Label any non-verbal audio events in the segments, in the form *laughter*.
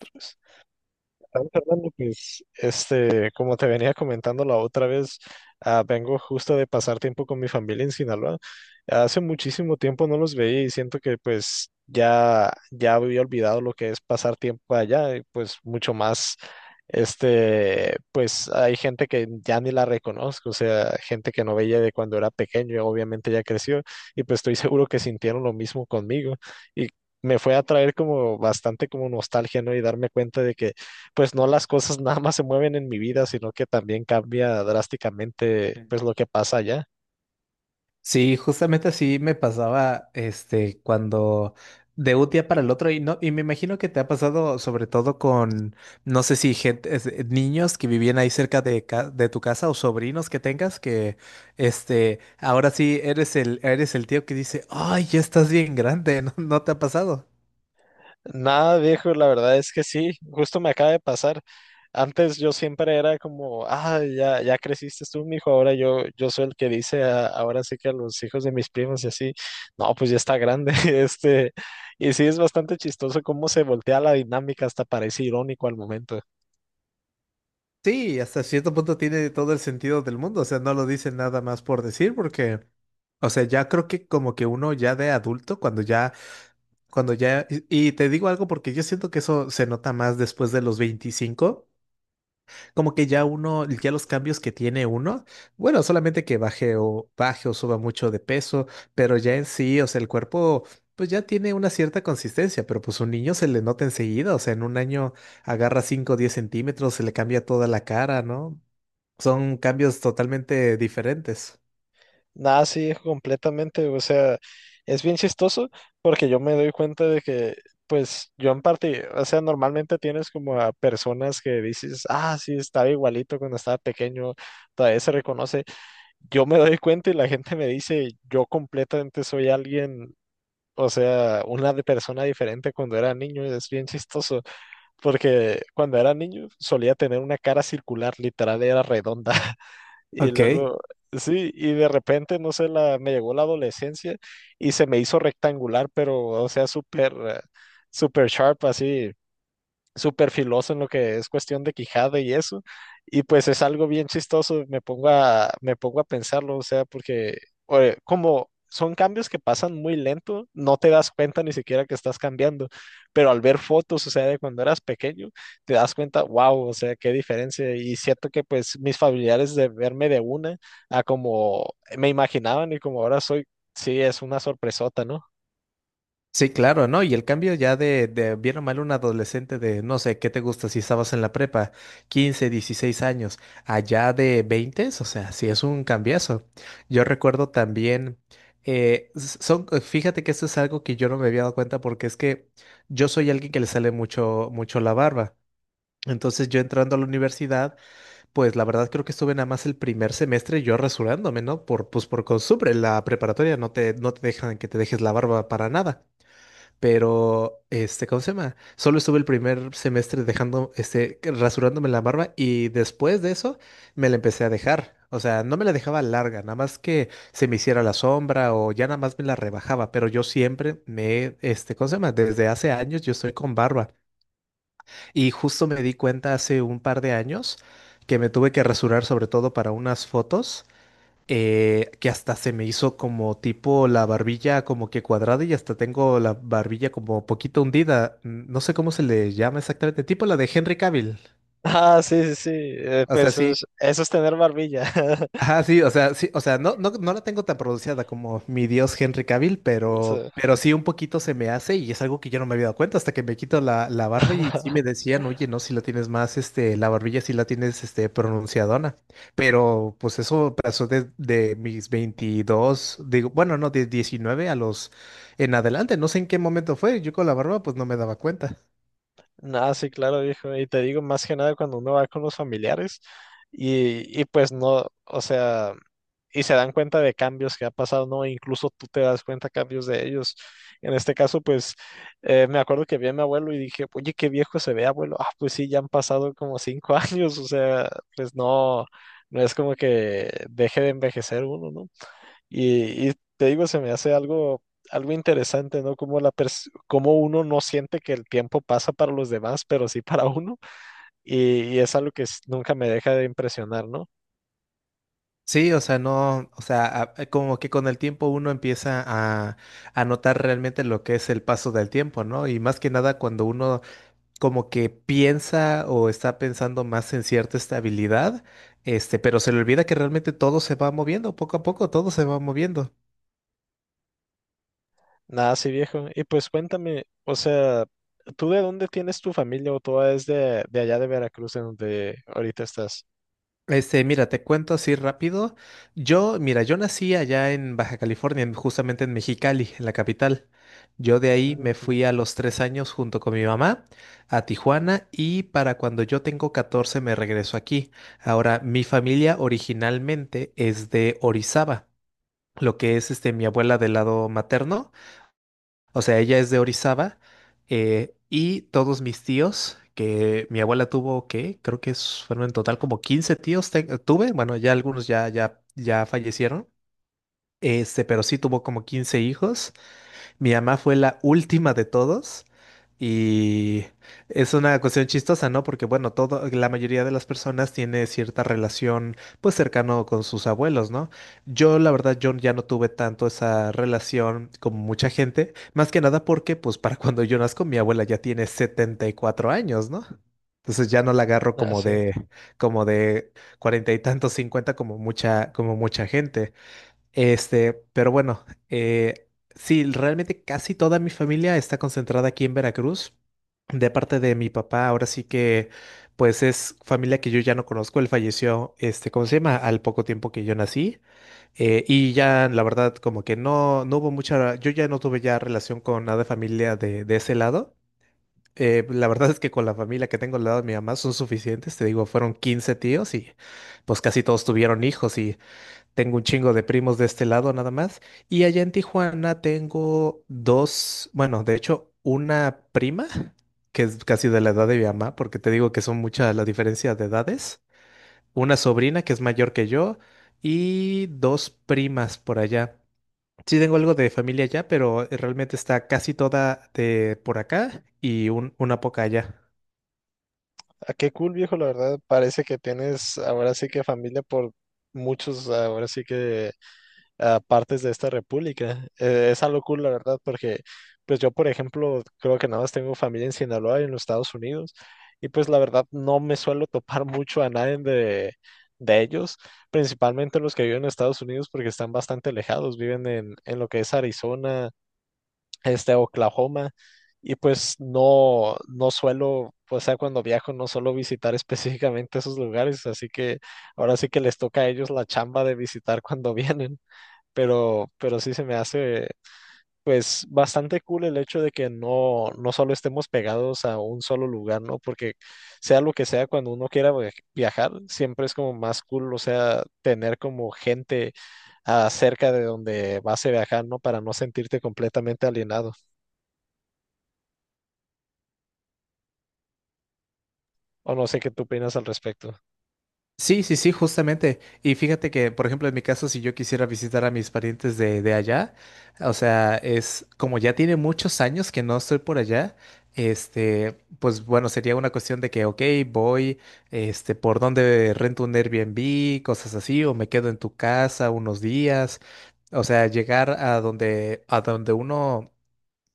Otros. Sabes, Fernando, pues, como te venía comentando la otra vez, ah, vengo justo de pasar tiempo con mi familia en Sinaloa. Hace muchísimo tiempo no los veía y siento que pues ya, ya había olvidado lo que es pasar tiempo allá y pues mucho más, pues hay gente que ya ni la reconozco, o sea, gente que no veía de cuando era pequeño y obviamente ya creció y pues estoy *laughs* seguro que sintieron lo mismo conmigo y me fue a traer como bastante como nostalgia, ¿no? Y darme cuenta de que pues no las cosas *laughs* nada más se mueven en mi vida, sino que también cambia drásticamente pues lo que pasa allá. Sí, justamente así me pasaba, cuando de un día para el otro, y no, y me imagino que te ha pasado sobre todo con, no sé si gente, niños que vivían ahí cerca de tu casa o sobrinos que tengas, que, ahora sí eres eres el tío que dice, ay, ya estás bien grande, *laughs* ¿no, no te ha pasado? Nada, viejo, la verdad es que sí, justo me acaba de pasar. Antes yo siempre era como, ah, ya, ya creciste tú, mijo, ahora yo soy el que dice, ahora sí que a los hijos de mis primos y así, no, pues ya está grande, *laughs* y sí es bastante chistoso cómo se voltea la dinámica, hasta parece irónico al momento. Sí, hasta cierto punto tiene todo el sentido del mundo, o sea, no lo dicen nada más por decir, porque, o sea, ya creo que como que uno ya de adulto, cuando ya, y te digo algo porque yo siento que eso se nota más después de los 25, como que ya uno, ya los cambios que tiene uno, bueno, solamente que baje o suba mucho de peso, pero ya en sí, o sea, el cuerpo pues ya tiene una cierta consistencia, pero pues un niño se le nota enseguida, o sea, en un año agarra cinco o 10 centímetros, se le cambia toda la cara, ¿no? Son cambios totalmente diferentes. Nada, sí, completamente. O sea, es bien chistoso porque yo me doy cuenta de que, pues, yo en parte, o sea, normalmente tienes como a personas que dices, ah, sí, estaba igualito cuando estaba pequeño, todavía se reconoce. Yo me doy cuenta y la gente me dice, yo completamente soy alguien, o sea, una persona diferente cuando era niño. Es bien chistoso porque cuando era niño solía tener una cara circular, literal, era redonda. Y Ok. luego, sí, y de repente, no sé, me llegó la adolescencia y se me hizo rectangular, pero, o sea, súper sharp, así, súper filoso en lo que es cuestión de Quijada y eso. Y pues es algo bien chistoso, me pongo a pensarlo, o sea, porque oye, como son cambios que pasan muy lento, no te das cuenta ni siquiera que estás cambiando, pero al ver fotos, o sea, de cuando eras pequeño, te das cuenta, wow, o sea, qué diferencia. Y siento que pues mis familiares de verme de una a como me imaginaban y como ahora soy, sí, es una sorpresota, ¿no? *laughs* Sí, claro, ¿no? Y el cambio ya de bien o mal un adolescente de, no sé, ¿qué te gusta si estabas en la prepa? 15, 16 años, allá de 20, o sea, sí es un cambiazo. Yo recuerdo también, fíjate que esto es algo que yo no me había dado cuenta porque es que yo soy alguien que le sale mucho, mucho la barba. Entonces yo entrando a la universidad, pues la verdad creo que estuve nada más el primer semestre yo rasurándome, ¿no? Pues por costumbre, en la preparatoria no te dejan que te dejes la barba para nada. Pero, este, ¿cómo se llama? Solo estuve el primer semestre dejando, rasurándome la barba y después de eso me la empecé a dejar. O sea, no me la dejaba larga, nada más que se me hiciera la sombra o ya nada más me la rebajaba, pero yo siempre me, este, ¿cómo se llama? Desde hace años yo estoy con barba y justo me di cuenta hace un par de años que me tuve que rasurar sobre todo para unas fotos, que hasta se me hizo como tipo la barbilla como que cuadrada y hasta tengo la barbilla como poquito hundida. No sé cómo se le llama exactamente, tipo la de Henry Cavill. Ah, sí, sí, sí, O sea, pues sí. Eso es tener barbilla. *laughs* Ajá, sí, o sea, no, no, no la tengo tan pronunciada como mi dios Henry Cavill, Sí. Pero sí un poquito se me hace y es algo que yo no me había dado cuenta hasta que me quito la barba y sí me *laughs* decían, oye, no, si la tienes más, la barbilla sí la tienes, pronunciadona. Pero pues eso pasó de, mis 22, digo, bueno, no, de 19 a los en adelante, no sé en qué momento fue, yo con la barba pues no me daba cuenta. Nada, sí, claro, viejo. Y te digo, más que nada cuando uno va con los familiares y pues no, o sea, y se dan cuenta de cambios que ha pasado, ¿no? Incluso tú te das cuenta cambios de ellos. En este caso, pues me acuerdo que vi a mi abuelo y dije, oye, qué viejo se ve, abuelo. Ah, pues sí, ya han pasado como 5 *laughs* años, o sea, pues no, no es como que deje de envejecer uno, ¿no? Y te digo, se me hace algo interesante, ¿no? Como uno no siente que el tiempo pasa para los demás, pero sí para uno. Y es algo que nunca me deja de impresionar, ¿no? Sí, o sea, no, o sea, como que con el tiempo uno empieza a notar realmente lo que es el paso del tiempo, ¿no? Y más que nada cuando uno como que piensa o está pensando más en cierta estabilidad, este, pero se le olvida que realmente todo se va moviendo poco a poco, todo se va moviendo. Nada así, viejo. Y pues cuéntame, o sea, ¿tú de dónde tienes tu familia o toda es de allá de Veracruz, en donde ahorita estás? Mira, te cuento así rápido. Mira, yo nací allá en Baja California, justamente en Mexicali, en la capital. Yo de ahí me Ujú. fui a los 3 años junto con mi mamá a Tijuana y para cuando yo tengo 14 me regreso aquí. Ahora, mi familia originalmente es de Orizaba, lo que es, mi abuela del lado materno, o sea, ella es de Orizaba. Y todos mis tíos, que mi abuela tuvo, que creo que fueron en total como 15 tíos tuve. Bueno, ya algunos ya fallecieron, este, pero sí tuvo como 15 hijos, mi mamá fue la última de todos. Y es una cuestión chistosa, ¿no? Porque bueno, la mayoría de las personas tiene cierta relación pues cercano con sus abuelos, ¿no? Yo la verdad yo ya no tuve tanto esa relación como mucha gente, más que nada porque pues para cuando yo nazco mi abuela ya tiene 74 años, ¿no? Entonces ya no la agarro Ah, como sí. de, como de cuarenta y tantos, cincuenta, como mucha gente. Pero bueno, sí, realmente casi toda mi familia está concentrada aquí en Veracruz. De parte de mi papá, ahora sí que, pues es familia que yo ya no conozco. Él falleció, este, ¿cómo se llama? Al poco tiempo que yo nací. Y ya, la verdad, como que no hubo mucha, yo ya no tuve ya relación con nada de familia de ese lado. La verdad es que con la familia que tengo al lado de mi mamá son suficientes. Te digo, fueron 15 tíos y pues casi todos tuvieron hijos y... Tengo un chingo de primos de este lado nada más. Y allá en Tijuana tengo dos, bueno, de hecho, una prima, que es casi de la edad de mi mamá, porque te digo que son muchas la diferencia de edades. Una sobrina que es mayor que yo y dos primas por allá. Sí tengo algo de familia allá, pero realmente está casi toda de por acá y una poca allá. Ah, qué cool, viejo, la verdad. Parece que tienes ahora sí que familia por muchos, ahora sí que a partes de esta república. Es algo cool, la verdad, porque pues yo, por ejemplo, creo que nada más tengo familia en Sinaloa y en los Estados Unidos, y pues la verdad no me suelo *laughs* topar mucho a nadie de ellos, principalmente los que viven en Estados Unidos porque están bastante alejados, viven en lo que es Arizona, Oklahoma. Y pues no, no suelo, o sea, cuando viajo no suelo visitar *laughs* específicamente esos lugares, así que ahora sí que les toca a ellos la chamba de visitar cuando vienen pero sí se me hace pues bastante cool el hecho de que no, no solo estemos pegados a un solo lugar, ¿no? Porque sea lo que sea, cuando uno quiera viajar, siempre es como más cool, o sea, tener como gente cerca de donde vas a viajar, ¿no? Para no sentirte completamente alienado. O no sé qué tú opinas al respecto. Sí, sí, sí, justamente. Y fíjate que, por ejemplo, en mi caso, si yo quisiera visitar a mis parientes de, allá, o sea, es como ya tiene muchos años que no estoy por allá, este, pues bueno, sería una cuestión de que, ok, voy, este, por dónde rento un Airbnb, cosas así, o me quedo en tu casa unos días. O sea, llegar a donde uno,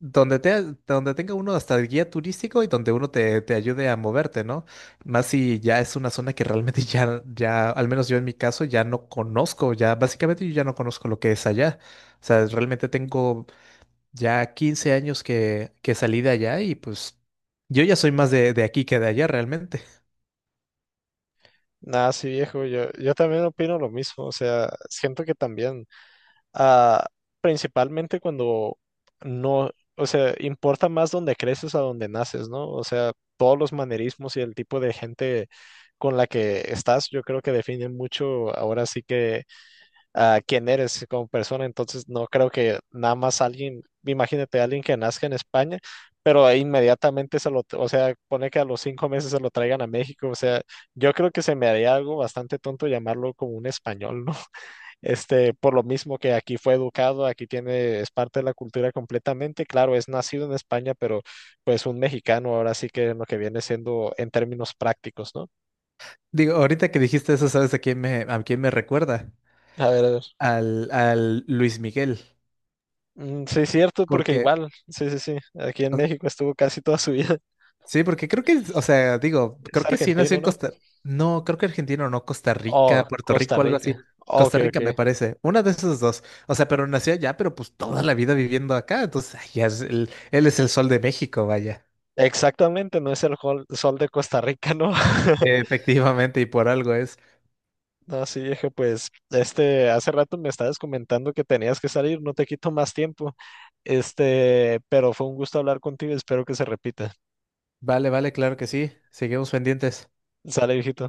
donde tenga uno hasta el guía turístico y donde uno te ayude a moverte, ¿no? Más si ya es una zona que realmente *laughs* al menos yo en mi caso, ya no conozco, ya básicamente yo ya no conozco lo que es allá. O sea, realmente tengo ya 15 años que salí de allá y pues yo ya soy más de, aquí que de allá realmente. Nada, sí, viejo, yo también opino lo mismo, o sea, siento que también. ah, principalmente cuando no, o sea, importa más donde creces a donde naces, ¿no? O sea, todos los manerismos y el tipo de gente con la que estás, yo creo que definen mucho ahora sí que quién eres como persona. Entonces, no creo que nada más alguien, imagínate alguien que nazca en España. Pero ahí inmediatamente se lo, o sea, pone que a los 5 meses se lo traigan a México, o sea, yo creo que se me haría algo bastante tonto llamarlo como un español, ¿no? Por lo mismo que aquí fue educado, aquí tiene, es parte de la cultura completamente. Claro, es nacido en España, pero pues un mexicano ahora sí que lo que viene siendo en términos prácticos, ¿no? *laughs* Digo, ahorita que dijiste eso, ¿sabes a quién me recuerda? A ver, a ver. Al Luis Miguel. Mm, sí, cierto, porque Porque, igual, sí, sí, sí, aquí en o México estuvo casi toda su vida. *laughs* Sí, porque creo que, o sea, digo, Es creo que sí nació argentino, en ¿no? Costa, no, creo que argentino, no, Costa Rica, Oh, Puerto Costa Rico, algo Rica. así. Ok, Costa ok. Rica me parece, una de esas dos. O sea, pero nació allá, pero pues toda la vida viviendo acá. Entonces, ay, ya es él es el sol de México, vaya. Exactamente, no es el sol de Costa Rica, ¿no? *laughs* Efectivamente, y por algo es. No, sí, dije, pues, hace rato me estabas comentando que tenías que salir, no te quito más tiempo. Pero fue un gusto hablar contigo, espero que se repita. Vale, vale, claro que sí. Seguimos pendientes. Sale, viejito.